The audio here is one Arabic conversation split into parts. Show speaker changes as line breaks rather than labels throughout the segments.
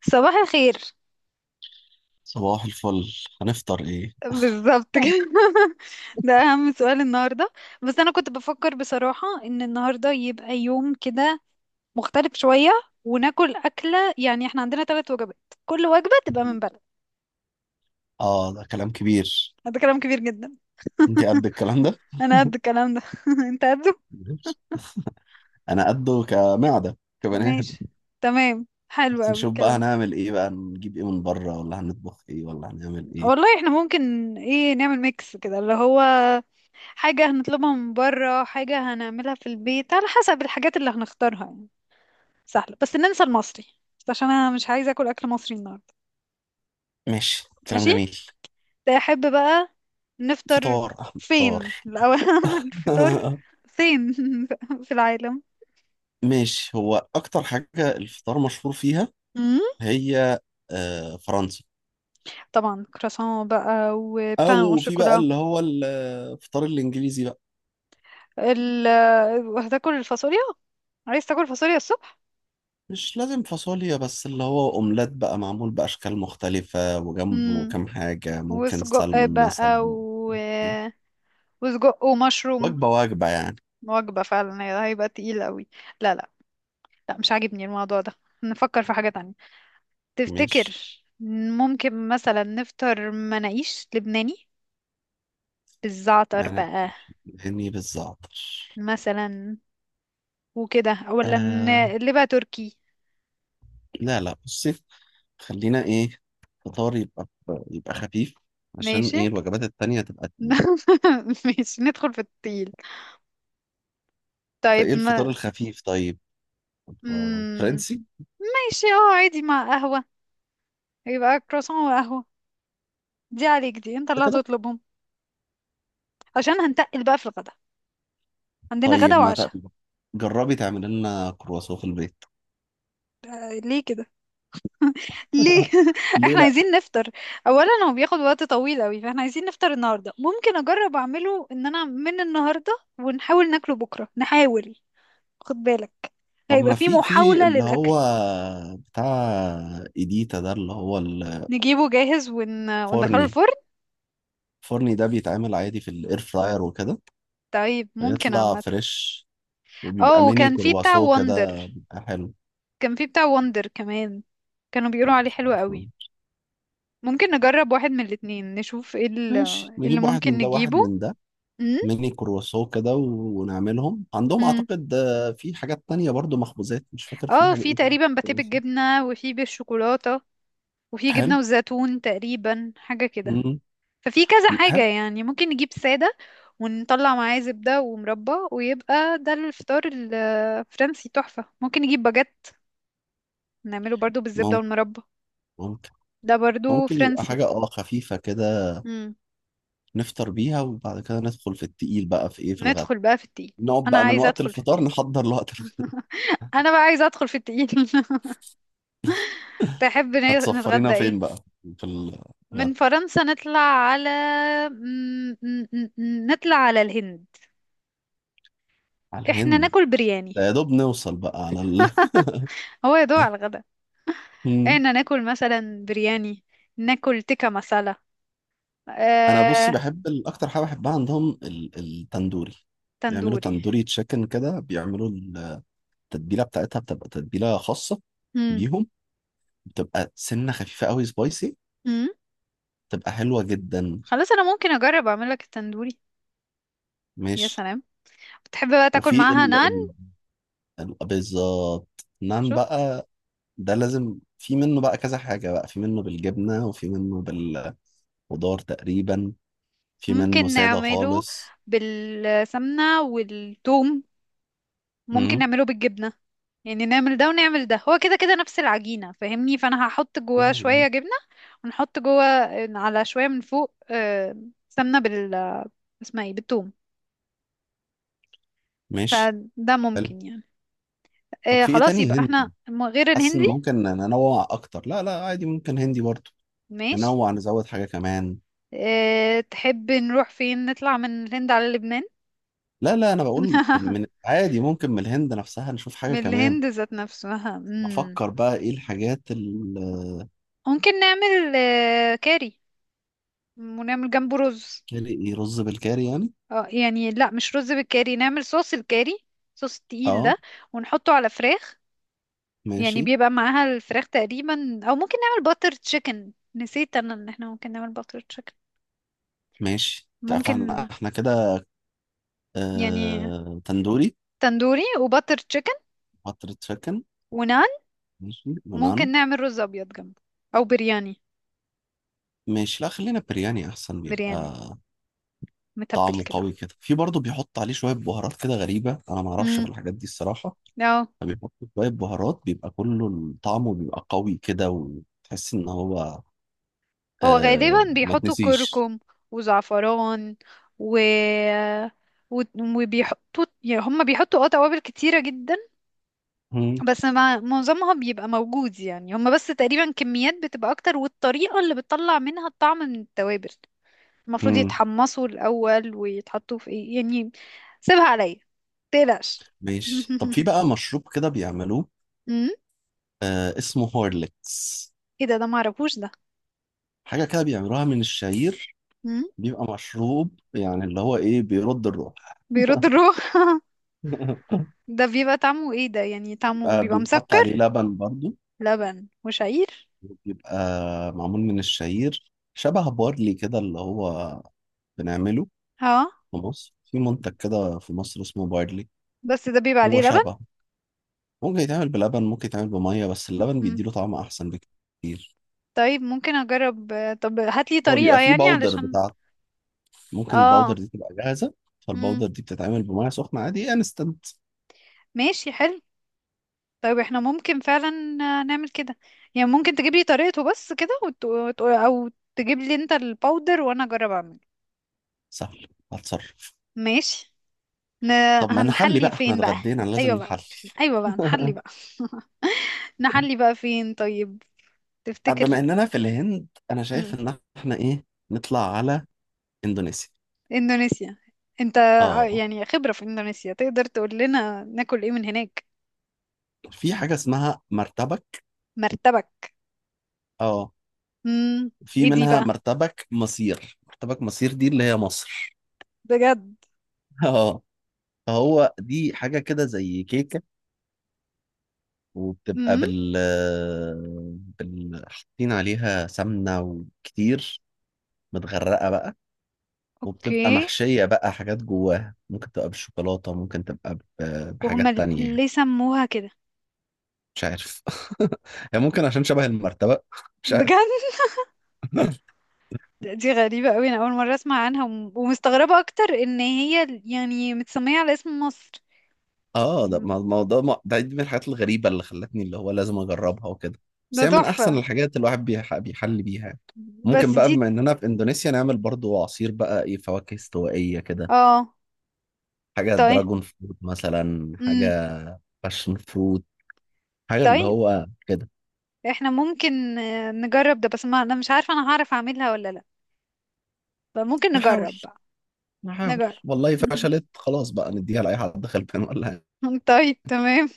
صباح الخير.
صباح الفل. هنفطر ايه؟
بالظبط كده. ده اهم سؤال النهارده. بس انا كنت بفكر بصراحه ان النهارده يبقى يوم كده مختلف شويه، وناكل اكله. احنا عندنا ثلاث وجبات، كل وجبه تبقى من بلد.
اه، ده كلام كبير.
هذا كلام كبير جدا.
انت قد الكلام ده؟
انا قد الكلام ده. انت قده.
ماشي. انا قده كمعده كبني ادم.
ماشي، تمام، حلو
بس
قوي
نشوف بقى
الكلام ده.
هنعمل ايه، بقى نجيب ايه من بره، ولا هنطبخ ايه، ولا هنعمل ايه؟
والله احنا ممكن، ايه، نعمل ميكس كده، اللي هو حاجه هنطلبها من بره، حاجه هنعملها في البيت، على حسب الحاجات اللي هنختارها يعني. سهلة، بس ننسى المصري، بس عشان انا مش عايزة اكل اكل مصري النهاردة.
ماشي، كلام
ماشي،
جميل.
احب بقى نفطر
فطار، احمد، فطار.
فين الاول؟ الفطار فين؟ في العالم.
ماشي. هو اكتر حاجه الفطار مشهور فيها
مم؟
هي فرنسا.
طبعا كراسون بقى وبان او
او في بقى
شوكولا.
اللي هو الفطار الانجليزي بقى.
ال... هتاكل الفاصوليا؟ عايز تاكل فاصوليا الصبح؟
مش لازم فاصوليا، بس اللي هو اومليت بقى معمول باشكال مختلفه، وجنبه
مم.
كام حاجه، ممكن
وسجق
سلمون
بقى
مثلا.
وسجق ومشروم.
وجبه وجبه يعني.
وجبة فعلا هيبقى تقيل قوي. لا لا، لا مش عاجبني الموضوع ده، نفكر في حاجة تانية. تفتكر؟
مش
ممكن مثلا نفطر مناقيش لبناني بالزعتر
مانع
بقى،
اني بالظبط.
مثلا، وكده، ولا
آه
لبقى تركي؟
لا لا، بصي. خلينا ايه، الفطار يبقى خفيف. عشان
ماشي.
ايه الوجبات التانية تبقى تقيلة.
ماشي، ندخل في التقيل.
فايه
طيب
الفطار
ما.
الخفيف طيب؟ آه،
مم،
فرنسي.
ماشي، اه عادي مع قهوة، يبقى كرواسون وقهوة. دي عليك، دي انت
بس
اللي
كده.
هتطلبهم، عشان هنتقل بقى في الغدا، عندنا
طيب،
غدا
ما
وعشاء.
جربي تعملي لنا كرواسون في البيت.
ليه كده؟ ليه؟
ليه
احنا
لا؟
عايزين نفطر. اولا هو بياخد وقت طويل قوي، فاحنا عايزين نفطر النهارده، ممكن اجرب اعمله ان انا من النهارده، ونحاول ناكله بكره، نحاول. خد بالك،
طب
هيبقى
ما
في
في
محاولة
اللي
للاكل.
هو بتاع، ايديتا ده اللي هو
نجيبه جاهز، وندخله
الفرني
الفرن.
الفرني ده بيتعمل عادي في الاير فراير وكده.
طيب ممكن
بيطلع
عامة.
فريش، وبيبقى
اه،
ميني
وكان في بتاع
كرواسو كده،
وندر،
بيبقى حلو.
كان في بتاع وندر كمان، كانوا
لا،
بيقولوا عليه
مش
حلو
عارف.
قوي. ممكن نجرب واحد من الاتنين، نشوف ايه
ماشي،
اللي
نجيب واحد
ممكن
من ده واحد
نجيبه.
من ده.
امم.
ميني كرواسو كده و- ونعملهم عندهم،
امم،
اعتقد في حاجات تانية برضو، مخبوزات، مش فاكر في
اه،
حاجة
في
ايه تاني.
تقريبا باتيه
كرواسو.
بالجبنة، وفي بالشوكولاتة، وفي
حلو.
جبنة وزيتون، تقريبا حاجة كده.
مم.
ففي كذا حاجة
حلو.
يعني، ممكن نجيب سادة ونطلع معاه زبدة ومربى، ويبقى ده الفطار الفرنسي تحفة. ممكن نجيب باجيت نعمله برضو بالزبدة
ممكن،
والمربى،
ممكن،
ده برضو
ممكن يبقى
فرنسي.
حاجة خفيفة كده.
مم.
نفطر بيها، وبعد كده ندخل في التقيل بقى في ايه، في الغدا.
ندخل بقى في التقيل.
نقعد
انا
بقى من
عايزة
وقت
ادخل في
الفطار
التقيل.
نحضر لوقت الغدا.
انا بقى عايزة ادخل في التقيل. تحب
هتسفرينا
نتغدى
فين
ايه؟
بقى في
من
الغدا؟
فرنسا نطلع على، نطلع على الهند.
على
احنا
الهند.
ناكل برياني.
ده يا دوب نوصل بقى على
هو يدوق على الغدا. إيه، إن
مم.
ناكل مثلا برياني، ناكل تيكا مسالة،
انا بصي
آه،
بحب اكتر حاجه بحبها عندهم التندوري. بيعملوا
تندوري.
تندوري تشيكن كده، بيعملوا التتبيله بتاعتها بتبقى تتبيله خاصه
مم.
بيهم، بتبقى سنه خفيفه قوي سبايسي،
مم.
بتبقى حلوه جدا.
خلاص أنا ممكن أجرب أعمل لك التندوري. يا
ماشي.
سلام. بتحب بقى تاكل
وفي
معاها نان؟
بالظبط، نان
شفت.
بقى. ده لازم في منه بقى كذا حاجة بقى، في منه بالجبنة وفي منه بالخضار تقريبا، في منه
ممكن
سادة
نعمله
خالص.
بالسمنة والثوم، ممكن
مم.
نعمله بالجبنة، يعني نعمل ده ونعمل ده، هو كده كده نفس العجينة، فاهمني؟ فأنا هحط جواه
مم.
شوية جبنة، ونحط جوه على شوية من فوق، آه، سمنة بال، آه، اسمها ايه، بالثوم.
ماشي،
فده
حلو.
ممكن يعني.
طب
آه،
في ايه
خلاص
تاني
يبقى احنا،
هندي؟
غير
حاسس ان
الهندي.
ممكن ننوع اكتر. لا لا، عادي ممكن هندي برضو.
ماشي.
ننوع نزود حاجة كمان.
آه، تحب نروح فين؟ نطلع من الهند على لبنان؟
لا لا، انا بقول من عادي ممكن من الهند نفسها نشوف حاجة
من
كمان.
الهند ذات نفسها. مم.
بفكر بقى ايه الحاجات، الكاري.
ممكن نعمل، آه، كاري، ونعمل جنبه رز.
ايه، رز بالكاري يعني؟
اه يعني لا، مش رز بالكاري، نعمل صوص الكاري، صوص التقيل
اه،
ده، ونحطه على فراخ، يعني
ماشي.
بيبقى معاها الفراخ تقريبا. او ممكن نعمل باتر تشيكن، نسيت انا ان احنا ممكن نعمل باتر تشيكن.
ماشي،
ممكن
فاحنا كده
يعني،
تندوري،
تندوري وباتر تشيكن
قطر تشيكن.
ونعم.
ماشي يونان.
ممكن نعمل رز ابيض جنبه، او برياني.
ماشي، لا، خلينا برياني احسن
برياني
بيبقى.
متبل
طعمه
كده.
قوي كده، في برضه بيحط عليه شويه بهارات كده غريبه، انا ما اعرفش في
امم.
الحاجات دي الصراحه.
اه،
فبيحط شويه بهارات بيبقى كله، طعمه بيبقى قوي كده، وتحس ان هو...
هو
آه،
غالبا
ما
بيحطوا
تنسيش.
كركم وزعفران، و، و- وبيحطوا، يعني هم بيحطوا اه توابل كتيرة جدا،
مم.
بس معظمها بيبقى موجود يعني، هم بس تقريبا كميات بتبقى اكتر، والطريقة اللي بتطلع منها الطعم من التوابل، المفروض
مم.
يتحمصوا الأول، ويتحطوا في ايه يعني. سيبها عليا، متقلقش.
ماشي. طب في بقى مشروب كده بيعملوه؟
امم.
آه، اسمه هورليكس.
ايه ده؟ ده معرفوش ده.
حاجه كده بيعملوها من الشعير. بيبقى مشروب يعني اللي هو ايه، بيرد الروح.
بيرد الروح. ده بيبقى طعمه ايه ده؟ يعني طعمه
آه،
بيبقى
بيحط
مسكر؟
عليه لبن برضو.
لبن وشعير؟
بيبقى معمول من الشعير شبه بارلي كده اللي هو بنعمله
اه،
في مصر. في منتج كده في مصر اسمه بارلي.
بس ده بيبقى
هو
عليه لبن.
شبه. ممكن يتعمل بلبن، ممكن يتعمل بمية، بس اللبن
مم.
بيديله طعم أحسن بكتير.
طيب ممكن اجرب، آه، طب هاتلي
هو
طريقة
بيبقى فيه
يعني
باودر
علشان.
بتاعته. ممكن الباودر
اه.
دي تبقى جاهزة.
مم.
فالباودر دي بتتعمل بمية سخنة عادي، انستنت.
ماشي، حلو. طيب احنا ممكن فعلا، آه، نعمل كده يعني. ممكن تجيب لي طريقته بس كده، او تجيب لي انت الباودر وانا اجرب اعمل.
سهل، هتصرف.
ماشي. ن...
طب ما نحلي
هنحلي
بقى، احنا
فين بقى؟
اتغدينا لازم
ايوه بقى،
نحلي.
ايوه بقى نحلي بقى. نحلي بقى فين طيب؟ تفتكر؟
بما اننا في الهند، انا شايف ان احنا ايه، نطلع على اندونيسيا.
اندونيسيا. انت
اه،
يعني خبرة في اندونيسيا، تقدر تقول لنا ناكل ايه من هناك.
في حاجة اسمها مرتبك.
مرتبك.
اه،
امم.
في
ايه دي
منها
بقى؟
مرتبك مصير. مرتبك مصير دي اللي هي مصر.
بجد؟
اه، فهو دي حاجة كده زي كيكة. وبتبقى
امم.
بال حاطين عليها سمنة وكتير، متغرقة بقى. وبتبقى
اوكي.
محشية بقى حاجات جواها، ممكن تبقى بالشوكولاتة، ممكن تبقى
وهم،
بحاجات تانية يعني.
ليه سموها كده؟
مش عارف. هي ممكن عشان شبه المرتبة. مش
بجد؟
عارف.
دي غريبة قوي، انا اول مرة اسمع عنها، ومستغربة اكتر ان هي يعني متسمية على اسم مصر.
اه، ده ما ما- هو ده ما- ده دي من الحاجات الغريبة اللي خلتني اللي هو لازم اجربها وكده. بس
ده
هي من احسن
تحفة.
الحاجات الواحد بيحل بيها يعني.
بس
ممكن بقى
دي،
بما اننا في اندونيسيا نعمل برضو عصير بقى، ايه، فواكه استوائية كده.
اه.
حاجة
طيب.
دراجون فروت مثلا،
امم.
حاجة باشن فروت، حاجة اللي
طيب
هو كده.
احنا ممكن، آه، نجرب ده، بس ما انا مش عارفة انا هعرف اعملها ولا لا، فممكن
نحاول،
نجرب بقى.
نحاول.
نجرب.
والله فشلت خلاص بقى، نديها لأي حد خلفان ولا حاجة.
طيب تمام.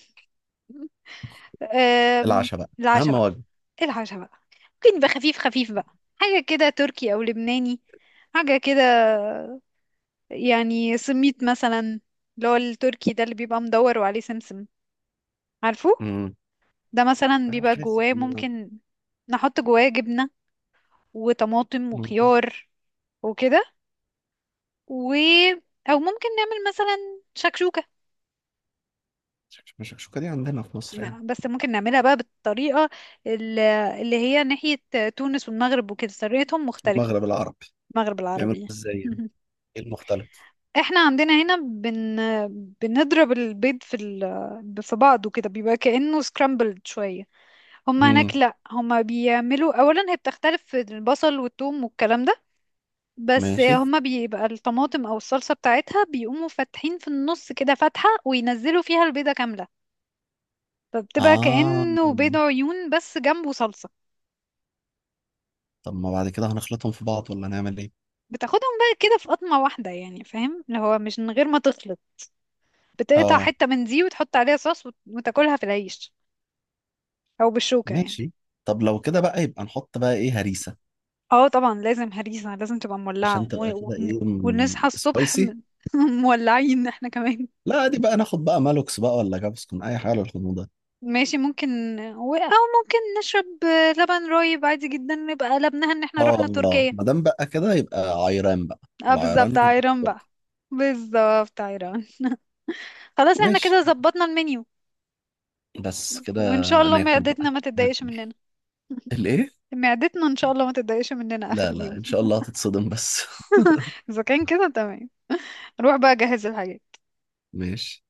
أم...
العشاء بقى، أهم
العشاء بقى.
وجبة.
ايه العشاء بقى؟ ممكن يبقى خفيف خفيف بقى، حاجة كده تركي أو لبناني، حاجة كده. يعني سميت مثلا، اللي هو التركي ده اللي بيبقى مدور وعليه سمسم، عارفه؟
امم
ده مثلا
أنا
بيبقى
حاسس
جواه
إن...
ممكن نحط جواه جبنة وطماطم وخيار وكده، و، أو ممكن نعمل مثلا شكشوكة.
الشكشوكة دي عندنا في مصر يعني.
نعم، بس ممكن نعملها بقى بالطريقة ال- اللي هي ناحية تونس والمغرب وكده، طريقتهم مختلفة.
المغرب العربي،
المغرب
بيعملوا
العربي.
ازاي يعني؟ ايه المختلف؟
احنا عندنا هنا بنضرب البيض في في بعضه كده، بيبقى كأنه سكرامبلد شوية. هما هناك
امم
لا، هما بيعملوا اولا، هي بتختلف في البصل والثوم والكلام ده، بس
ماشي.
هما بيبقى الطماطم او الصلصة بتاعتها بيقوموا فاتحين في النص كده فتحة، وينزلوا فيها البيضة كاملة. فبتبقى
اه،
كأنه بيض عيون بس جنبه صلصة.
طب ما بعد كده هنخلطهم في بعض ولا نعمل ايه؟
بتاخدهم بقى كده في قطمة واحدة يعني، فاهم؟ اللي هو مش من غير ما تخلط، بتقطع
اه،
حتة من دي وتحط عليها صوص، وتاكلها في العيش، أو بالشوكة يعني.
ماشي. طب لو كده بقى، يبقى نحط بقى ايه، هريسة.
اه طبعا لازم هريسة، لازم تبقى مولعة،
عشان تبقى كده ايه،
ونصحى الصبح
سبايسي.
مولعين احنا كمان.
لا، دي بقى ناخد بقى مالوكس بقى ولا جابسكون، اي حاجة للحموضة ده.
ماشي ممكن. أو ممكن نشرب لبن رايب عادي جدا، نبقى قلبناها ان احنا
اه،
رحنا
الله،
تركيا.
ما دام بقى كده يبقى عيران بقى.
اه بالظبط،
العيران.
عيران بقى. بالظبط، عيران. خلاص، احنا
ماشي،
كده ظبطنا المنيو.
بس كده.
وان شاء الله
ناكل
معدتنا
بقى،
ما تتضايقش
ناكل
مننا.
الايه؟
معدتنا ان شاء الله ما تتضايقش مننا اخر
لا لا،
اليوم.
ان شاء الله هتتصدم بس.
اذا كان كده تمام، نروح بقى اجهز الحاجات.
ماشي.